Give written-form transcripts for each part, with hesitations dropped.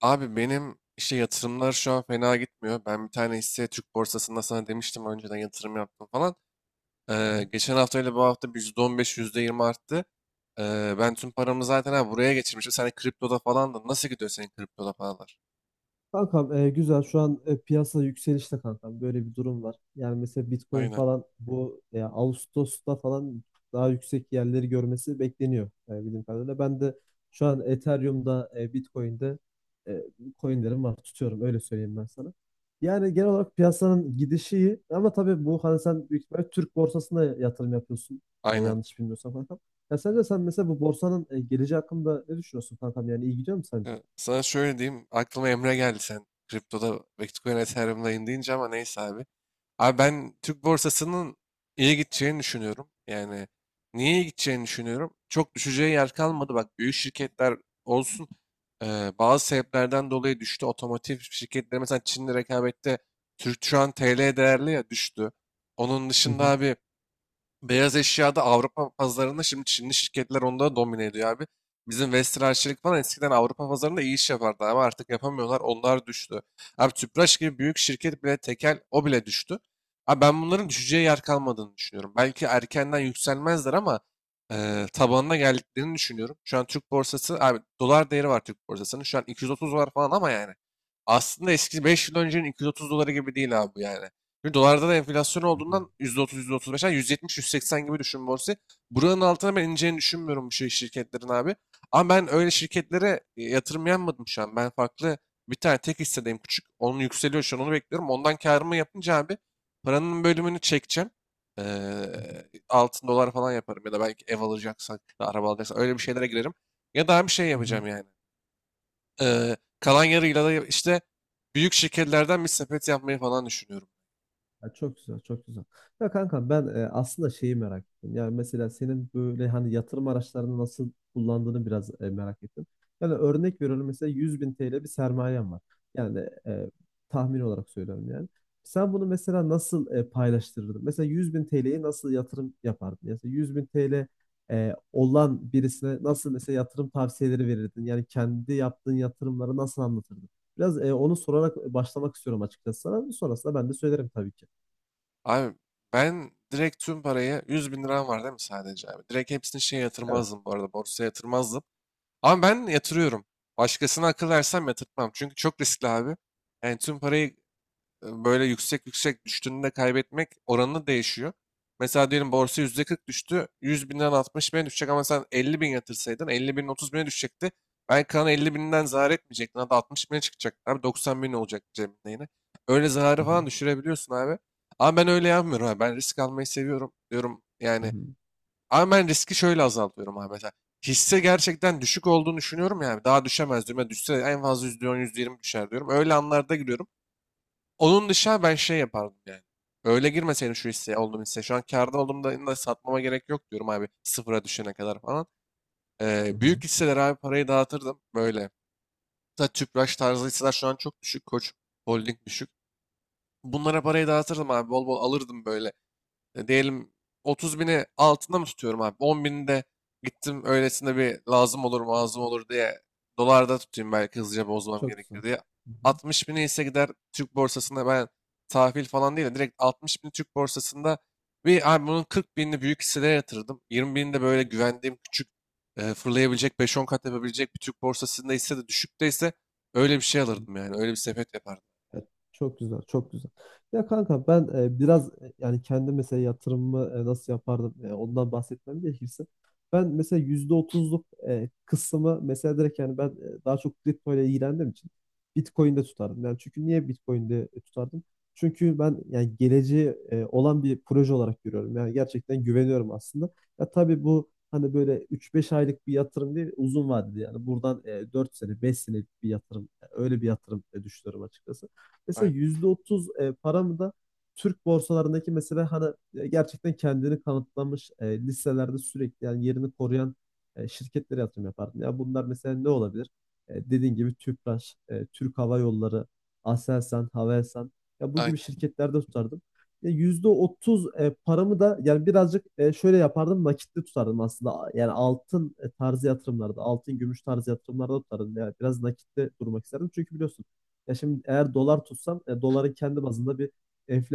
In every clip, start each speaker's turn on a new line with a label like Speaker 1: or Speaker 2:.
Speaker 1: Abi benim işte yatırımlar şu an fena gitmiyor. Ben bir tane hisse Türk borsasında sana demiştim önceden yatırım yaptım falan.
Speaker 2: Hı hı.
Speaker 1: Geçen hafta ile bu hafta bir %15, %20 arttı. Ben tüm paramı zaten buraya geçirmişim. Sen de kriptoda falan da nasıl gidiyor senin kriptoda paralar?
Speaker 2: Kankam, güzel şu an, piyasa yükselişte kankam, böyle bir durum var. Yani mesela Bitcoin
Speaker 1: Aynen,
Speaker 2: falan bu, Ağustos'ta falan daha yüksek yerleri görmesi bekleniyor, bildiğim kadarıyla. Ben de şu an Ethereum'da, Bitcoin'de, e, coinlerim var, tutuyorum öyle söyleyeyim ben sana. Yani genel olarak piyasanın gidişi iyi, ama tabii bu hani sen büyük ihtimalle Türk borsasına yatırım yapıyorsun,
Speaker 1: aynen.
Speaker 2: yanlış bilmiyorsam kankam. Ya sence sen mesela bu borsanın geleceği hakkında ne düşünüyorsun kankam, yani iyi gidiyor mu sence?
Speaker 1: Ya, sana şöyle diyeyim. Aklıma Emre geldi sen kriptoda Bitcoin Ethereum'dayım deyince ama neyse abi. Abi ben Türk borsasının iyi gideceğini düşünüyorum. Yani niye iyi gideceğini düşünüyorum? Çok düşeceği yer kalmadı. Bak, büyük şirketler olsun, bazı sebeplerden dolayı düştü. Otomotiv şirketleri mesela Çin'le rekabette Türk şu an TL değerli ya düştü. Onun
Speaker 2: Hı
Speaker 1: dışında
Speaker 2: hı.
Speaker 1: abi, beyaz eşyada Avrupa pazarında şimdi Çinli şirketler onu da domine ediyor abi. Bizim Vestel, Arçelik falan eskiden Avrupa pazarında iyi iş yapardı ama artık yapamıyorlar. Onlar düştü. Abi Tüpraş gibi büyük şirket bile tekel o bile düştü. Abi ben bunların düşeceği yer kalmadığını düşünüyorum. Belki erkenden yükselmezler ama tabanına geldiklerini düşünüyorum. Şu an Türk borsası abi dolar değeri var Türk borsasının. Şu an 230 dolar falan ama yani aslında eski 5 yıl öncenin 230 doları gibi değil abi yani. Çünkü dolarda da enflasyon
Speaker 2: Hı
Speaker 1: olduğundan %30, %35, yani 170, 180 gibi düşün borsayı. Buranın altına ben ineceğini düşünmüyorum bu şey şirketlerin abi. Ama ben öyle şirketlere yatırım yapmadım şu an. Ben farklı bir tane tek hissedeyim küçük. Onun yükseliyor şu an onu bekliyorum. Ondan karımı yapınca abi paranın bölümünü çekeceğim. Altın dolar falan yaparım ya da belki ev alacaksak, ya da araba alacaksak öyle bir şeylere girerim. Ya daha bir şey
Speaker 2: hı.
Speaker 1: yapacağım yani. Kalan yarıyla da işte büyük şirketlerden bir sepet yapmayı falan düşünüyorum.
Speaker 2: Ya çok güzel, çok güzel. Ya kanka ben aslında şeyi merak ettim. Yani mesela senin böyle hani yatırım araçlarını nasıl kullandığını biraz merak ettim. Yani örnek veriyorum, mesela 100.000 TL bir sermayem var. Yani tahmin olarak söylüyorum yani. Sen bunu mesela nasıl paylaştırırdın? Mesela 100.000 TL'yi nasıl yatırım yapardın? Mesela 100.000 TL olan birisine nasıl mesela yatırım tavsiyeleri verirdin? Yani kendi yaptığın yatırımları nasıl anlatırdın? Biraz onu sorarak başlamak istiyorum açıkçası sana. Sonrasında ben de söylerim tabii ki.
Speaker 1: Abi ben direkt tüm parayı 100 bin liram var değil mi sadece abi? Direkt hepsini şeye
Speaker 2: Evet.
Speaker 1: yatırmazdım, bu arada borsaya yatırmazdım. Ama ben yatırıyorum. Başkasına akıl versem yatırtmam. Çünkü çok riskli abi. Yani tüm parayı böyle yüksek yüksek düştüğünde kaybetmek oranı değişiyor. Mesela diyelim borsa %40 düştü. 100 binden 60 bine düşecek ama sen 50 bin yatırsaydın 50 binin 30 bine düşecekti. Belki kalan 50 binden zarar etmeyecektin. Hatta 60 bine çıkacak. Abi 90 bin olacak cebinde yine. Öyle
Speaker 2: Hı
Speaker 1: zararı falan
Speaker 2: hı.
Speaker 1: düşürebiliyorsun abi. Ama ben öyle yapmıyorum abi. Ben risk almayı seviyorum diyorum.
Speaker 2: Hı
Speaker 1: Yani
Speaker 2: hı.
Speaker 1: ama ben riski şöyle azaltıyorum abi. Mesela hisse gerçekten düşük olduğunu düşünüyorum yani. Daha düşemez diyorum. Ya düşse en fazla %10, %20 düşer diyorum. Öyle anlarda giriyorum. Onun dışında ben şey yapardım yani. Öyle girmeseydim şu hisseye, olduğum hisseye. Şu an kârda olduğumda da satmama gerek yok diyorum abi. Sıfıra düşene kadar falan. Ee,
Speaker 2: Hı hı.
Speaker 1: büyük hisseler abi parayı dağıtırdım. Böyle. Hatta Tüpraş tarzı hisseler şu an çok düşük. Koç Holding düşük. Bunlara parayı dağıtırdım abi. Bol bol alırdım böyle, diyelim 30 bini altında mı tutuyorum abi? 10 bini de gittim öylesine bir, lazım olur lazım olur diye dolarda tutayım belki hızlıca bozmam
Speaker 2: Çok güzel.
Speaker 1: gerekir diye.
Speaker 2: Hı hı.
Speaker 1: 60 bini ise gider Türk borsasında, ben tahvil falan değil de direkt 60 bini Türk borsasında bir abi bunun 40 binini büyük hisselere yatırdım. 20 binini de böyle güvendiğim küçük, fırlayabilecek 5-10 kat yapabilecek bir Türk borsasında ise de düşükteyse öyle bir şey
Speaker 2: Hı.
Speaker 1: alırdım yani. Öyle bir sepet yapardım.
Speaker 2: Ya çok güzel, çok güzel. Ya kanka ben, biraz, yani kendi mesela yatırımımı, nasıl yapardım, ondan bahsetmem gerekirse. Ben mesela %30'luk kısmı mesela direkt, yani ben daha çok kripto ile ilgilendiğim için Bitcoin'de tutardım. Yani çünkü niye Bitcoin'de tutardım? Çünkü ben yani geleceği olan bir proje olarak görüyorum. Yani gerçekten güveniyorum aslında. Ya tabii bu hani böyle üç beş aylık bir yatırım değil, uzun vadeli yani buradan 4 sene, 5 senelik bir yatırım. Yani öyle bir yatırım düşünüyorum açıkçası. Mesela
Speaker 1: Aynen.
Speaker 2: %30 paramı da Türk borsalarındaki mesela hani gerçekten kendini kanıtlamış, listelerde sürekli yani yerini koruyan şirketlere yatırım yapardım. Ya bunlar mesela ne olabilir? Dediğin gibi Tüpraş, Türk Hava Yolları, Aselsan, Havelsan, ya bu gibi
Speaker 1: Aynen.
Speaker 2: şirketlerde tutardım. Ya %30 paramı da yani birazcık şöyle yapardım, nakitli tutardım aslında. Yani altın tarzı yatırımlarda, altın gümüş tarzı yatırımlarda tutardım. Yani biraz nakitli durmak isterdim. Çünkü biliyorsun ya, şimdi eğer dolar tutsam doların kendi bazında bir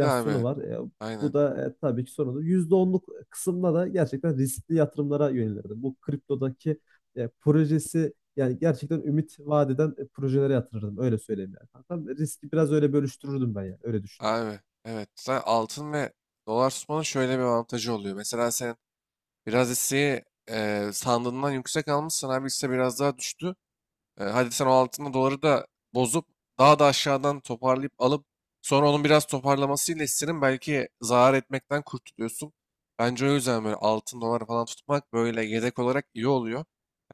Speaker 1: Bir de abi
Speaker 2: var. Bu
Speaker 1: aynen.
Speaker 2: da tabii ki sorunlu. Yüzde onluk kısımda da gerçekten riskli yatırımlara yönelirdim. Bu kriptodaki projesi yani gerçekten ümit vaat eden projelere yatırırdım. Öyle söyleyeyim yani. Hatta riski biraz öyle bölüştürürdüm ben yani. Öyle düşünüyorum.
Speaker 1: Abi evet. Zaten altın ve dolar tutmanın şöyle bir avantajı oluyor. Mesela sen biraz hisseyi sandığından yüksek almışsan abi hisse biraz daha düştü. Hadi sen o altın doları da bozup daha da aşağıdan toparlayıp alıp sonra onun biraz toparlamasıyla hissinin belki zarar etmekten kurtuluyorsun. Bence o yüzden böyle altın dolar falan tutmak böyle yedek olarak iyi oluyor.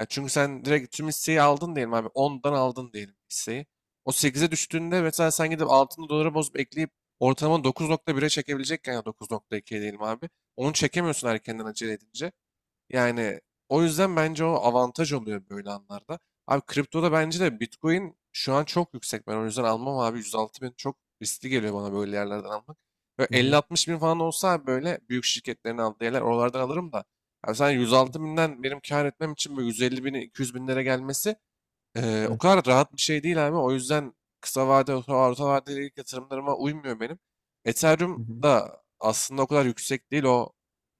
Speaker 1: Yani çünkü sen direkt tüm hisseyi aldın diyelim abi, ondan aldın diyelim hisseyi. O sekize düştüğünde mesela sen gidip altını dolara bozup ekleyip ortalama 9.1'e çekebilecekken, ya 9.2'ye diyelim abi. Onu çekemiyorsun erkenden acele edince. Yani o yüzden bence o avantaj oluyor böyle anlarda. Abi kriptoda bence de Bitcoin şu an çok yüksek. Ben o yüzden almam abi. 106 bin çok riskli geliyor bana böyle yerlerden almak. Böyle
Speaker 2: Hı hı.
Speaker 1: 50-60 bin falan olsa abi böyle büyük şirketlerin aldığı yerler oralardan alırım da. Abi sen
Speaker 2: Hı hı.
Speaker 1: 106 binden benim kar etmem için böyle 150 bin 200 binlere gelmesi o
Speaker 2: Evet.
Speaker 1: kadar rahat bir şey değil abi. O yüzden kısa vade, orta vadeli ilk yatırımlarıma uymuyor benim.
Speaker 2: Hı
Speaker 1: Ethereum
Speaker 2: hı.
Speaker 1: da aslında o kadar yüksek değil. O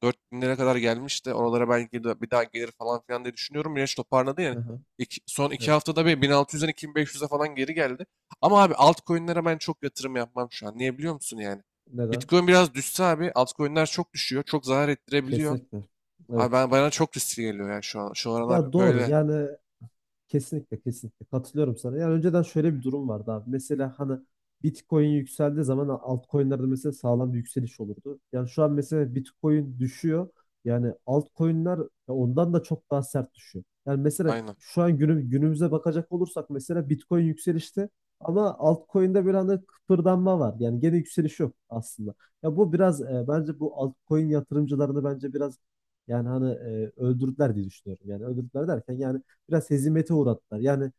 Speaker 1: 4000 binlere kadar gelmişti. Oralara belki de bir daha gelir falan filan diye düşünüyorum. Yine toparladı
Speaker 2: Hı
Speaker 1: yani.
Speaker 2: hı.
Speaker 1: Son iki
Speaker 2: Evet.
Speaker 1: haftada bir 1600'den 2500'e falan geri geldi. Ama abi altcoin'lere ben çok yatırım yapmam şu an. Niye biliyor musun yani?
Speaker 2: Neden?
Speaker 1: Bitcoin biraz düşse abi altcoin'ler çok düşüyor. Çok zarar ettirebiliyor.
Speaker 2: Kesinlikle.
Speaker 1: Abi
Speaker 2: Evet.
Speaker 1: bana çok riskli geliyor yani şu an. Şu aralar
Speaker 2: Ya doğru
Speaker 1: böyle.
Speaker 2: yani. Kesinlikle kesinlikle katılıyorum sana. Yani önceden şöyle bir durum vardı abi. Mesela hani Bitcoin yükseldiği zaman altcoin'lerde mesela sağlam bir yükseliş olurdu. Yani şu an mesela Bitcoin düşüyor. Yani altcoin'ler ondan da çok daha sert düşüyor. Yani mesela
Speaker 1: Aynen.
Speaker 2: şu an günümüze bakacak olursak mesela Bitcoin yükselişte, ama altcoin'de bir anda kıpırdanma var. Yani gene yükseliş yok aslında. Ya bu biraz, bence bu altcoin yatırımcılarını bence biraz, yani hani öldürdüler diye düşünüyorum. Yani öldürdüler derken yani biraz hezimete uğrattılar. Yani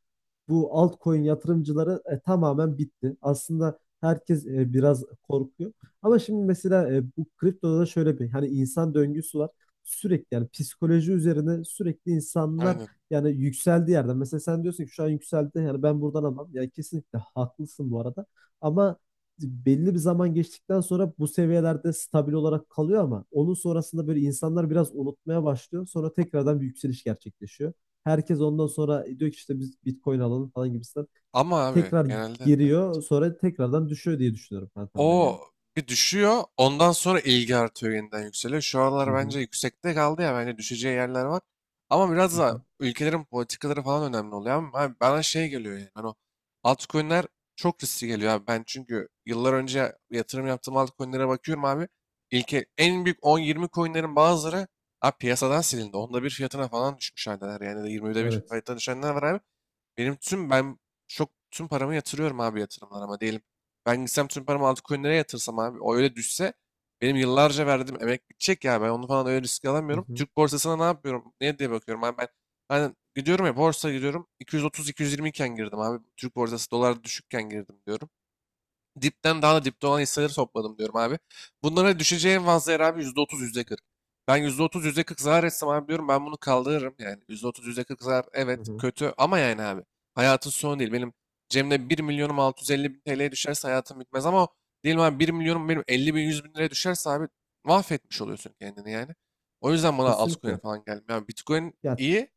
Speaker 2: bu altcoin yatırımcıları tamamen bitti. Aslında herkes biraz korkuyor. Ama şimdi mesela bu kriptoda da şöyle bir hani insan döngüsü var. Sürekli yani psikoloji üzerine sürekli insanlar
Speaker 1: Aynen.
Speaker 2: yani yükseldiği yerden. Mesela sen diyorsun ki şu an yükseldi, yani ben buradan alamam. Yani kesinlikle haklısın bu arada. Ama belli bir zaman geçtikten sonra bu seviyelerde stabil olarak kalıyor, ama onun sonrasında böyle insanlar biraz unutmaya başlıyor. Sonra tekrardan bir yükseliş gerçekleşiyor. Herkes ondan sonra diyor ki işte biz Bitcoin alalım falan gibisinden.
Speaker 1: Ama abi
Speaker 2: Tekrar
Speaker 1: genelde evet.
Speaker 2: giriyor, sonra tekrardan düşüyor diye düşünüyorum kankam ben
Speaker 1: O
Speaker 2: yani.
Speaker 1: bir düşüyor. Ondan sonra ilgi artıyor, yeniden yükseliyor. Şu
Speaker 2: Hı
Speaker 1: aralar
Speaker 2: hı,
Speaker 1: bence yüksekte kaldı ya. Bence düşeceği yerler var. Ama biraz
Speaker 2: hı
Speaker 1: da
Speaker 2: hı.
Speaker 1: ülkelerin politikaları falan önemli oluyor. Ama abi bana şey geliyor yani. Hani o altcoin'ler çok riskli geliyor abi. Ben çünkü yıllar önce yatırım yaptığım altcoin'lere bakıyorum abi. İlke, en büyük 10-20 coin'lerin bazıları abi piyasadan silindi. Onda bir fiyatına falan düşmüş haldeler. Yani de 20'de bir
Speaker 2: Evet.
Speaker 1: fiyatına düşenler var abi. Benim tüm, ben çok tüm paramı yatırıyorum abi yatırımlara, ama diyelim. Ben gitsem tüm paramı altcoin'lere yatırsam abi o öyle düşse benim yıllarca verdiğim emek bitecek ya, ben onu falan öyle riske
Speaker 2: Hı
Speaker 1: alamıyorum.
Speaker 2: hı,
Speaker 1: Türk borsasına ne yapıyorum? Ne diye bakıyorum abi, ben gidiyorum ya borsa gidiyorum 230-220 iken girdim abi. Türk borsası dolar düşükken girdim diyorum. Dipten daha da dipte olan hisseleri topladım diyorum abi. Bunlara düşeceği en fazla yer abi yüzde %40. Ben %30, %40 zarar etsem abi diyorum ben bunu kaldırırım. Yani %30 yüzde %40 zarar,
Speaker 2: hı
Speaker 1: evet
Speaker 2: hı.
Speaker 1: kötü ama yani abi hayatın sonu değil. Benim cebimde bir milyonum 650.000 TL'ye düşerse hayatım bitmez ama o, diyelim abi bir milyonum benim 50.000 100.000 liraya düşerse abi mahvetmiş oluyorsun kendini yani. O
Speaker 2: Ya
Speaker 1: yüzden bana altcoin
Speaker 2: kesinlikle.
Speaker 1: falan gelmiyor. Yani Bitcoin
Speaker 2: Ya,
Speaker 1: iyi,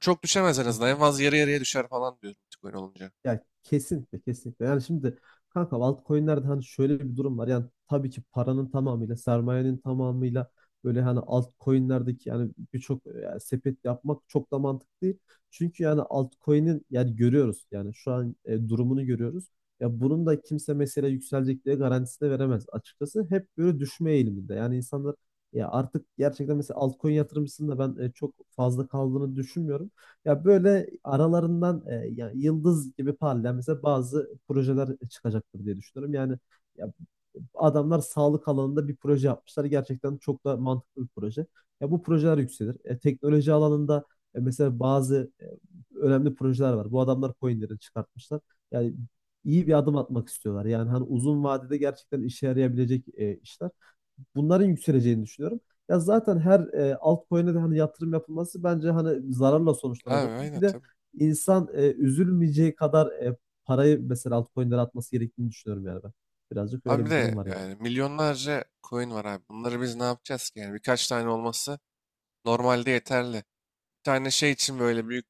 Speaker 1: çok düşemez en
Speaker 2: hı
Speaker 1: azından, en
Speaker 2: hı.
Speaker 1: fazla yarı yarıya düşer falan diyorum Bitcoin olunca.
Speaker 2: Ya kesinlikle kesinlikle. Yani şimdi kanka altcoin'lerde hani şöyle bir durum var. Yani tabii ki paranın tamamıyla, sermayenin tamamıyla böyle hani altcoin'lerdeki yani birçok, yani sepet yapmak çok da mantıklı değil. Çünkü yani altcoin'in yani görüyoruz, yani şu an durumunu görüyoruz. Ya bunun da kimse mesela yükselecek diye garantisi de veremez açıkçası. Hep böyle düşme eğiliminde. Yani insanlar ya artık gerçekten mesela altcoin yatırımcısının da ben çok fazla kaldığını düşünmüyorum. Ya böyle aralarından, ya yıldız gibi parlayan mesela bazı projeler çıkacaktır diye düşünüyorum. Yani ya adamlar sağlık alanında bir proje yapmışlar. Gerçekten çok da mantıklı bir proje. Ya bu projeler yükselir. Teknoloji alanında mesela bazı önemli projeler var. Bu adamlar coinleri çıkartmışlar. Yani iyi bir adım atmak istiyorlar. Yani hani uzun vadede gerçekten işe yarayabilecek işler. Bunların yükseleceğini düşünüyorum. Ya zaten her altcoin'e de hani yatırım yapılması bence hani zararla
Speaker 1: Abi
Speaker 2: sonuçlanacaktır.
Speaker 1: aynen
Speaker 2: Bir de
Speaker 1: tabii.
Speaker 2: insan üzülmeyeceği kadar parayı mesela altcoin'lere atması gerektiğini düşünüyorum yani ben. Birazcık
Speaker 1: Abi
Speaker 2: öyle
Speaker 1: bir
Speaker 2: bir durum
Speaker 1: de
Speaker 2: var yani.
Speaker 1: yani milyonlarca coin var abi. Bunları biz ne yapacağız ki? Yani birkaç tane olması normalde yeterli. Bir tane şey için böyle büyük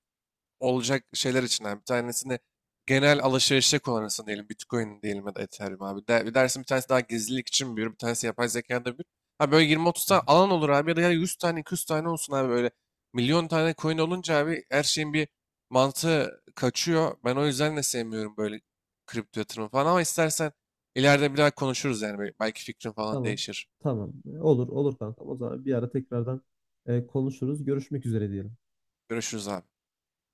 Speaker 1: olacak şeyler içinden bir tanesini genel alışverişe kullanırsın diyelim. Bitcoin diyelim ya da Ethereum abi. De, bir dersin bir tanesi daha gizlilik için büyür. Bir tanesi yapay zekada büyür. Ha böyle 20-30
Speaker 2: Hı hı.
Speaker 1: tane alan olur abi ya da ya 100 tane 200 tane olsun abi böyle. Milyon tane coin olunca abi her şeyin bir mantığı kaçıyor. Ben o yüzden de sevmiyorum böyle kripto yatırımı falan ama istersen ileride bir daha konuşuruz yani. Belki fikrin falan
Speaker 2: Tamam.
Speaker 1: değişir.
Speaker 2: Tamam. Olur, olur kanka. O zaman bir ara tekrardan konuşuruz. Görüşmek üzere diyelim.
Speaker 1: Görüşürüz abi.